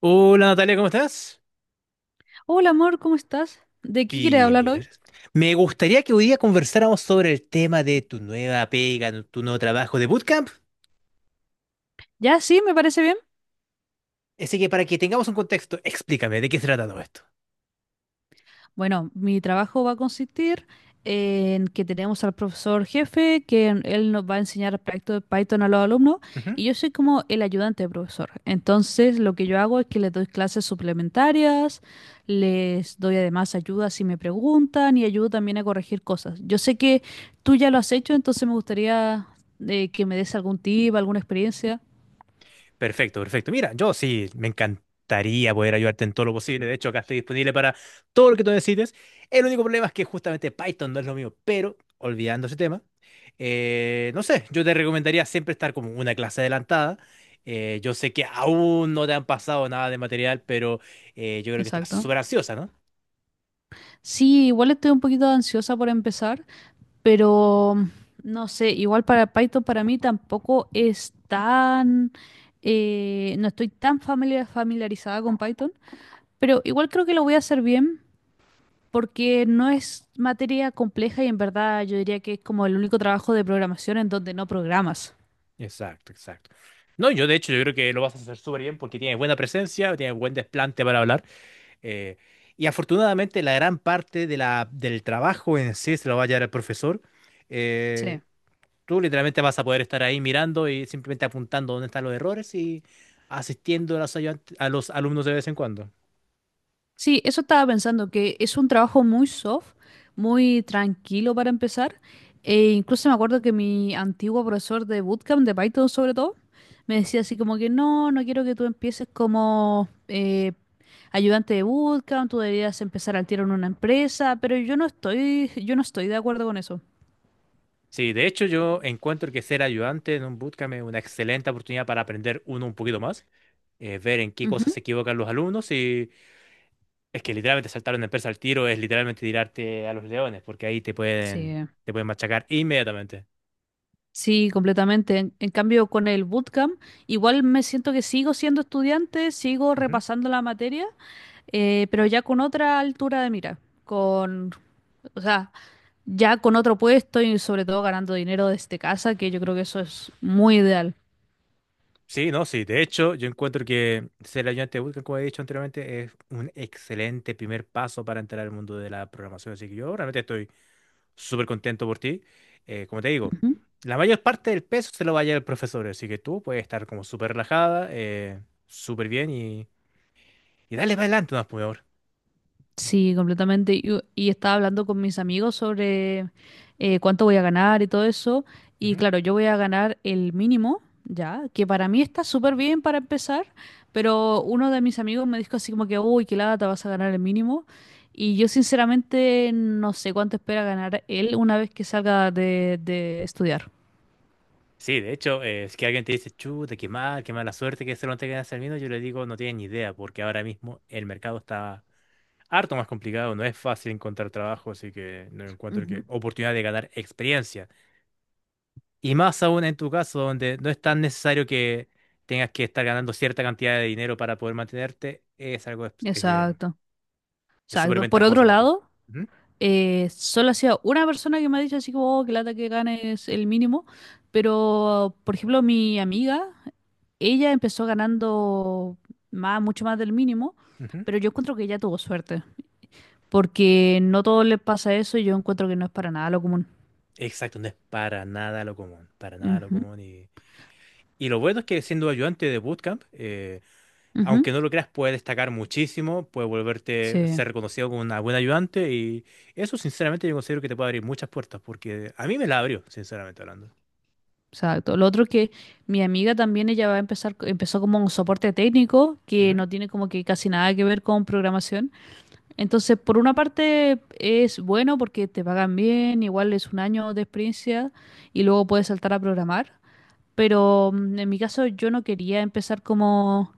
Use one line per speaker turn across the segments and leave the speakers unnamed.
Hola Natalia, ¿cómo estás?
Hola amor, ¿cómo estás? ¿De qué quieres
Bien,
hablar
bien,
hoy?
gracias. Me gustaría que hoy día conversáramos sobre el tema de tu nueva pega, tu nuevo trabajo de bootcamp.
Ya, sí, me parece bien.
Así que para que tengamos un contexto, explícame de qué se trata todo esto.
Bueno, mi trabajo va a consistir en que tenemos al profesor jefe, él nos va a enseñar el proyecto de Python a los alumnos, y yo soy como el ayudante de profesor. Entonces, lo que yo hago es que les doy clases suplementarias, les doy además ayuda si me preguntan y ayudo también a corregir cosas. Yo sé que tú ya lo has hecho, entonces me gustaría que me des algún tip, alguna experiencia.
Perfecto, perfecto. Mira, yo sí, me encantaría poder ayudarte en todo lo posible. De hecho, acá estoy disponible para todo lo que tú necesites. El único problema es que justamente Python no es lo mío, pero olvidando ese tema, no sé, yo te recomendaría siempre estar como una clase adelantada. Yo sé que aún no te han pasado nada de material, pero yo creo que estás
Exacto.
súper ansiosa, ¿no?
Sí, igual estoy un poquito ansiosa por empezar, pero no sé, igual para Python para mí tampoco es tan, no estoy tan familiarizada con Python, pero igual creo que lo voy a hacer bien porque no es materia compleja y en verdad yo diría que es como el único trabajo de programación en donde no programas.
Exacto, exacto. No, yo de hecho, yo creo que lo vas a hacer súper bien porque tienes buena presencia, tienes buen desplante para hablar. Eh, y afortunadamente la gran parte de la, del trabajo en sí se lo va a llevar el profesor. Eh,
Sí.
Tú literalmente vas a poder estar ahí mirando y simplemente apuntando dónde están los errores y asistiendo a los, a los alumnos de vez en cuando.
Sí, eso estaba pensando, que es un trabajo muy soft, muy tranquilo para empezar. E incluso me acuerdo que mi antiguo profesor de bootcamp, de Python sobre todo, me decía así como que no, no quiero que tú empieces como ayudante de bootcamp, tú deberías empezar al tiro en una empresa, pero yo no estoy, yo no estoy de acuerdo con eso.
Sí, de hecho yo encuentro que ser ayudante en un bootcamp es una excelente oportunidad para aprender uno un poquito más, ver en qué
Ujú.
cosas se equivocan los alumnos y es que literalmente saltar una empresa al tiro es literalmente tirarte a los leones porque ahí
Sí,
te pueden machacar inmediatamente.
sí, completamente. En cambio, con el bootcamp, igual me siento que sigo siendo estudiante, sigo
Ujú.
repasando la materia. Pero ya con otra altura de mira, con, o sea, ya con otro puesto y sobre todo ganando dinero desde casa, que yo creo que eso es muy ideal.
Sí, no, sí. De hecho, yo encuentro que ser ayudante de bootcamp, como he dicho anteriormente, es un excelente primer paso para entrar al mundo de la programación. Así que yo realmente estoy súper contento por ti. Como te digo,
Ujú.
la mayor parte del peso se lo va a llevar el profesor. Así que tú puedes estar como súper relajada, súper bien y dale para adelante, más por favor.
Sí, completamente. Y estaba hablando con mis amigos sobre cuánto voy a ganar y todo eso. Y claro, yo voy a ganar el mínimo, ya, que para mí está súper bien para empezar, pero uno de mis amigos me dijo así como que, uy, qué lata, vas a ganar el mínimo. Y yo sinceramente no sé cuánto espera ganar él una vez que salga de estudiar.
Sí, de hecho, es que alguien te dice, chuta, qué mal, qué mala suerte que se lo tengan hacer vino, yo le digo, no tienen ni idea, porque ahora mismo el mercado está harto más complicado, no es fácil encontrar trabajo, así que no encuentro que
Ujú.
oportunidad de ganar experiencia. Y más aún en tu caso, donde no es tan necesario que tengas que estar ganando cierta cantidad de dinero para poder mantenerte, es algo
Exacto,
es súper
exacto. Por otro
ventajoso para ti.
lado...
Ujú,
Solo ha sido una persona que me ha dicho así como "Oh, que lata que gane es el mínimo, pero por ejemplo mi amiga, ella empezó ganando más, mucho más del mínimo,
ujú.
pero yo encuentro que ella tuvo suerte, porque no todos les pasa eso y yo encuentro que no es para nada lo común.
Exacto, no es para nada lo común, para nada lo
Ujú,
común. Y lo bueno es que siendo ayudante de bootcamp, aunque
ujú.
no lo creas, puede destacar muchísimo, puede volverte,
Sí,
ser reconocido como una buena ayudante y eso sinceramente yo considero que te puede abrir muchas puertas porque a mí me la abrió, sinceramente hablando.
exacto. Lo otro es que mi amiga también ella va a empezar, empezó como un soporte técnico que
Ujú,
no tiene como que casi nada que ver con programación. Entonces, por una parte es bueno porque te pagan bien, igual es un año de experiencia y luego puedes saltar a programar. Pero en mi caso yo no quería empezar como...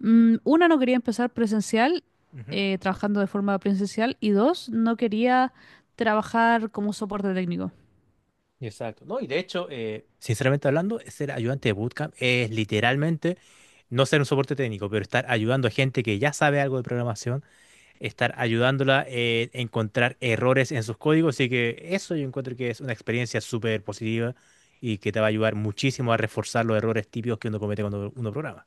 no quería empezar presencial,
ujú.
trabajando de forma presencial. Y dos, no quería trabajar como soporte técnico.
Exacto. No, y de hecho, sinceramente hablando, ser ayudante de bootcamp es literalmente no ser un soporte técnico, pero estar ayudando a gente que ya sabe algo de programación estar ayudándola a encontrar errores en sus códigos. Así que eso yo encuentro que es una experiencia súper positiva y que te va a ayudar muchísimo a reforzar los errores típicos que uno comete cuando uno programa.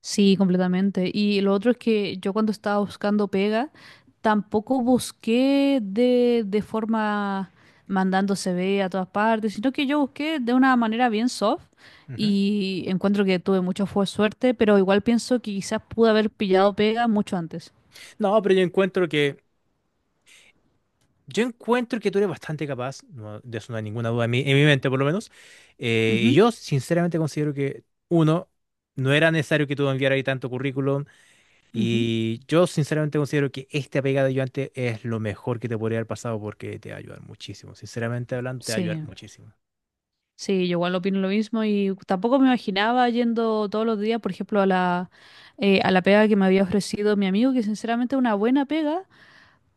Sí, completamente. Y lo otro es que yo cuando estaba buscando pega, tampoco busqué de forma mandando CV a todas partes, sino que yo busqué de una manera bien soft
Ujú.
y encuentro que tuve mucha suerte, pero igual pienso que quizás pude haber pillado pega mucho antes.
No, pero yo encuentro que tú eres bastante capaz, no, de eso no hay ninguna duda en mi mente por lo menos. Y
Ujú,
yo sinceramente considero que uno no era necesario que tú enviaras ahí tanto currículum.
ujú.
Y yo sinceramente considero que este apegado ayudante es lo mejor que te podría haber pasado porque te va a ayudar muchísimo. Sinceramente hablando, te va a ayudar
Sí,
muchísimo.
sí, yo igual opino lo mismo y tampoco me imaginaba yendo todos los días, por ejemplo, a la pega que me había ofrecido mi amigo, que sinceramente es una buena pega.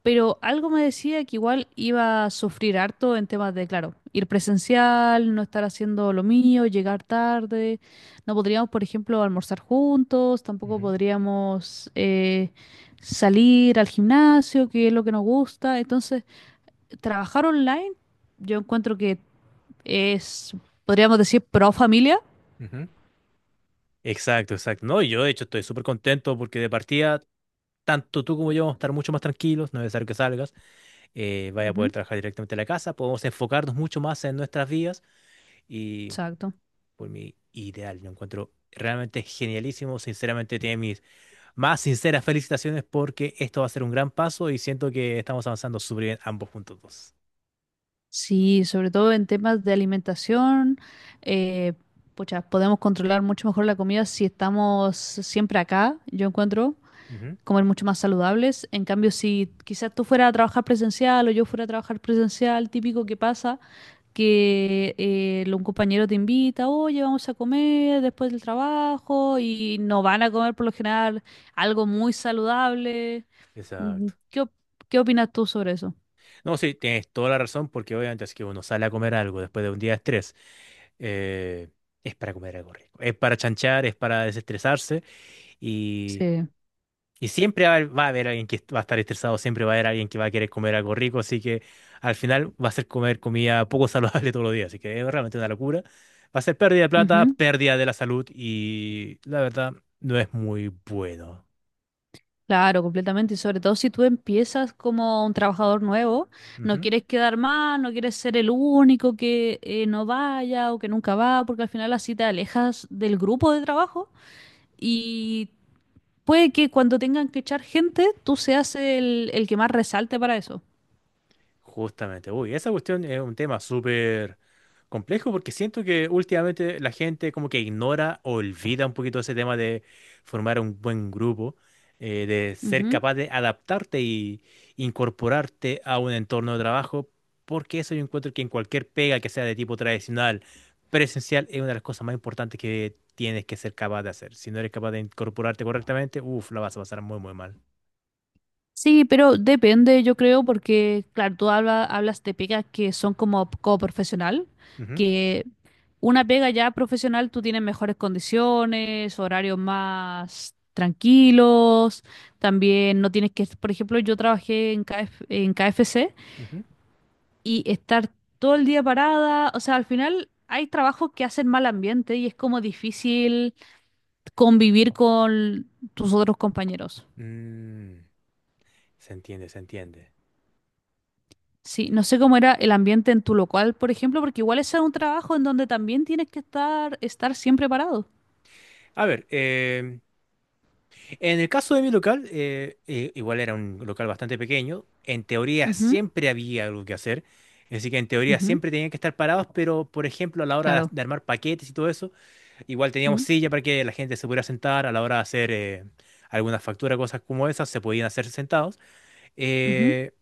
Pero algo me decía que igual iba a sufrir harto en temas de, claro, ir presencial, no estar haciendo lo mío, llegar tarde. No podríamos, por ejemplo, almorzar juntos, tampoco
Ujú,
podríamos salir al gimnasio, que es lo que nos gusta. Entonces, trabajar online, yo encuentro que es, podríamos decir, pro familia.
ujú. Exacto, exacto. No, y yo de hecho estoy súper contento porque de partida, tanto tú como yo vamos a estar mucho más tranquilos, no es necesario que salgas, vaya a poder
Ujú,
trabajar directamente en la casa, podemos enfocarnos mucho más en nuestras vidas y
exacto.
por mi ideal, lo encuentro realmente genialísimo, sinceramente tiene mis más sinceras felicitaciones porque esto va a ser un gran paso y siento que estamos avanzando súper bien ambos puntos dos.
Sí, sobre todo en temas de alimentación, eh, pucha, podemos controlar mucho mejor la comida si estamos siempre acá, yo encuentro,
Ujú,
comer mucho más saludables. En cambio, si quizás tú fueras a trabajar presencial o yo fuera a trabajar presencial, típico que pasa, que un compañero te invita, oye, vamos a comer después del trabajo y no van a comer por lo general algo muy saludable. Mm,
exacto.
¿ qué opinas tú sobre eso?
No, sí, tienes toda la razón porque obviamente es que uno sale a comer algo después de un día de estrés. eh, es para comer algo rico, es para chanchar, es para desestresarse.
Sí.
Y siempre va a haber alguien que va a estar estresado, siempre va a haber alguien que va a querer comer algo rico, así que al final va a ser comer comida poco saludable todos los días, así que es realmente una locura. Va a ser pérdida de plata,
Ujú.
pérdida de la salud y la verdad no es muy bueno.
Claro, completamente. Y sobre todo si tú empiezas como un trabajador nuevo, no quieres quedar mal, no quieres ser el único que no vaya o que nunca va, porque al final así te alejas del grupo de trabajo y puede que cuando tengan que echar gente, tú seas el que más resalte para eso.
Justamente, uy, esa cuestión es un tema súper complejo porque siento que últimamente la gente como que ignora o olvida un poquito ese tema de formar un buen grupo, de ser
Ujú.
capaz de adaptarte y incorporarte a un entorno de trabajo, porque eso yo encuentro que en cualquier pega que sea de tipo tradicional, presencial, es una de las cosas más importantes que tienes que ser capaz de hacer. Si no eres capaz de incorporarte correctamente, uff, la vas a pasar muy, muy mal.
Sí, pero depende, yo creo, porque, claro, tú hablas de pegas que son como coprofesional,
Ujú,
que una pega ya profesional, tú tienes mejores condiciones, horarios más tranquilos, también no tienes que, por ejemplo, yo trabajé en KF en K F C
ujú.
y estar todo el día parada, o sea, al final hay trabajos que hacen mal ambiente y es como difícil convivir con tus otros compañeros.
Mm, se entiende, se entiende.
Sí, no sé cómo era el ambiente en tu local, por ejemplo, porque igual ese es un trabajo en donde también tienes que estar siempre parado.
A ver, en el caso de mi local, igual era un local bastante pequeño, en teoría
Ujú,
siempre había algo que hacer, así que en teoría
ujú,
siempre tenían que estar parados, pero por ejemplo a la hora
claro.
de armar paquetes y todo eso, igual teníamos
Ujú,
silla para que la gente se pudiera sentar, a la hora de hacer alguna factura, cosas como esas, se podían hacer sentados.
ujú.
Eh,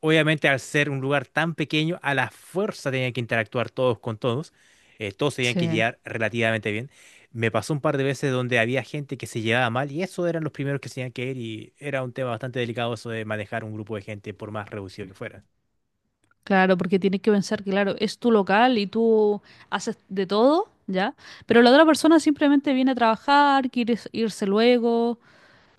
Obviamente, al ser un lugar tan pequeño, a la fuerza tenían que interactuar todos con todos. Eh, todos tenían
Sí.
que llegar relativamente bien. Me pasó un par de veces donde había gente que se llevaba mal y eso eran los primeros que se tenían que ir y era un tema bastante delicado eso de manejar un grupo de gente por más reducido que fuera.
Claro, porque tienes que pensar que, claro, es tu local y tú haces de todo, ¿ya? Pero la otra persona simplemente viene a trabajar, quiere irse luego.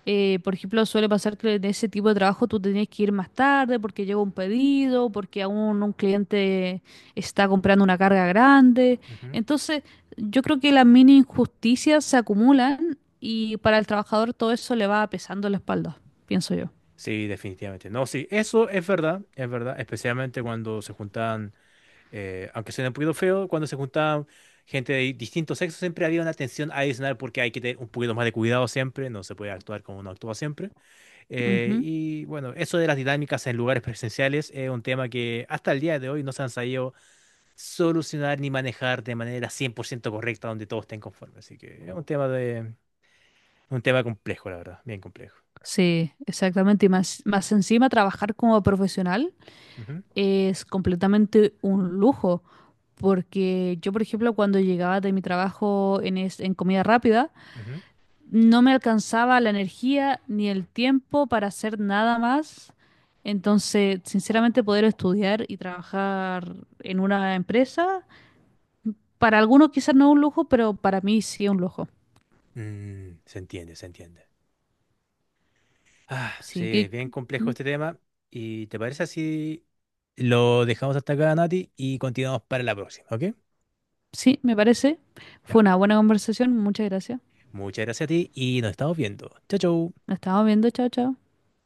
Eh, por ejemplo, suele pasar que en ese tipo de trabajo tú tenías que ir más tarde porque llega un pedido, porque aún un cliente está comprando una carga grande.
Ujú.
Entonces, yo creo que las mini injusticias se acumulan y para el trabajador todo eso le va pesando la espalda, pienso yo.
Sí, definitivamente. No, sí, eso es verdad, especialmente cuando se juntaban aunque suena un poquito feo, cuando se juntaban gente de distintos sexos, siempre había una tensión adicional porque hay que tener un poquito más de cuidado siempre, no se puede actuar como uno actúa siempre. Y bueno, eso de las dinámicas en lugares presenciales es un tema que hasta el día de hoy no se han sabido solucionar ni manejar de manera 100% correcta donde todos estén conformes. Así que es un tema de, un tema complejo, la verdad, bien complejo.
Sí, exactamente. Y más encima, trabajar como profesional
Ujú,
es completamente un lujo. Porque yo, por ejemplo, cuando llegaba de mi trabajo en comida rápida,
ujú.
no me alcanzaba la energía ni el tiempo para hacer nada más. Entonces, sinceramente, poder estudiar y trabajar en una empresa, para algunos quizás no es un lujo, pero para mí sí es un lujo.
Mm, se entiende, se entiende. Ah, sí,
Sí,
es
que,
bien complejo
mm,
este tema. ¿Y te parece así? Lo dejamos hasta acá, Nati, y continuamos para la próxima, ¿ok?
sí, me parece.
Ya.
Fue una buena conversación. Muchas gracias.
Muchas gracias a ti y nos estamos viendo. Chao, chao.
Nos estamos viendo, chao, chao.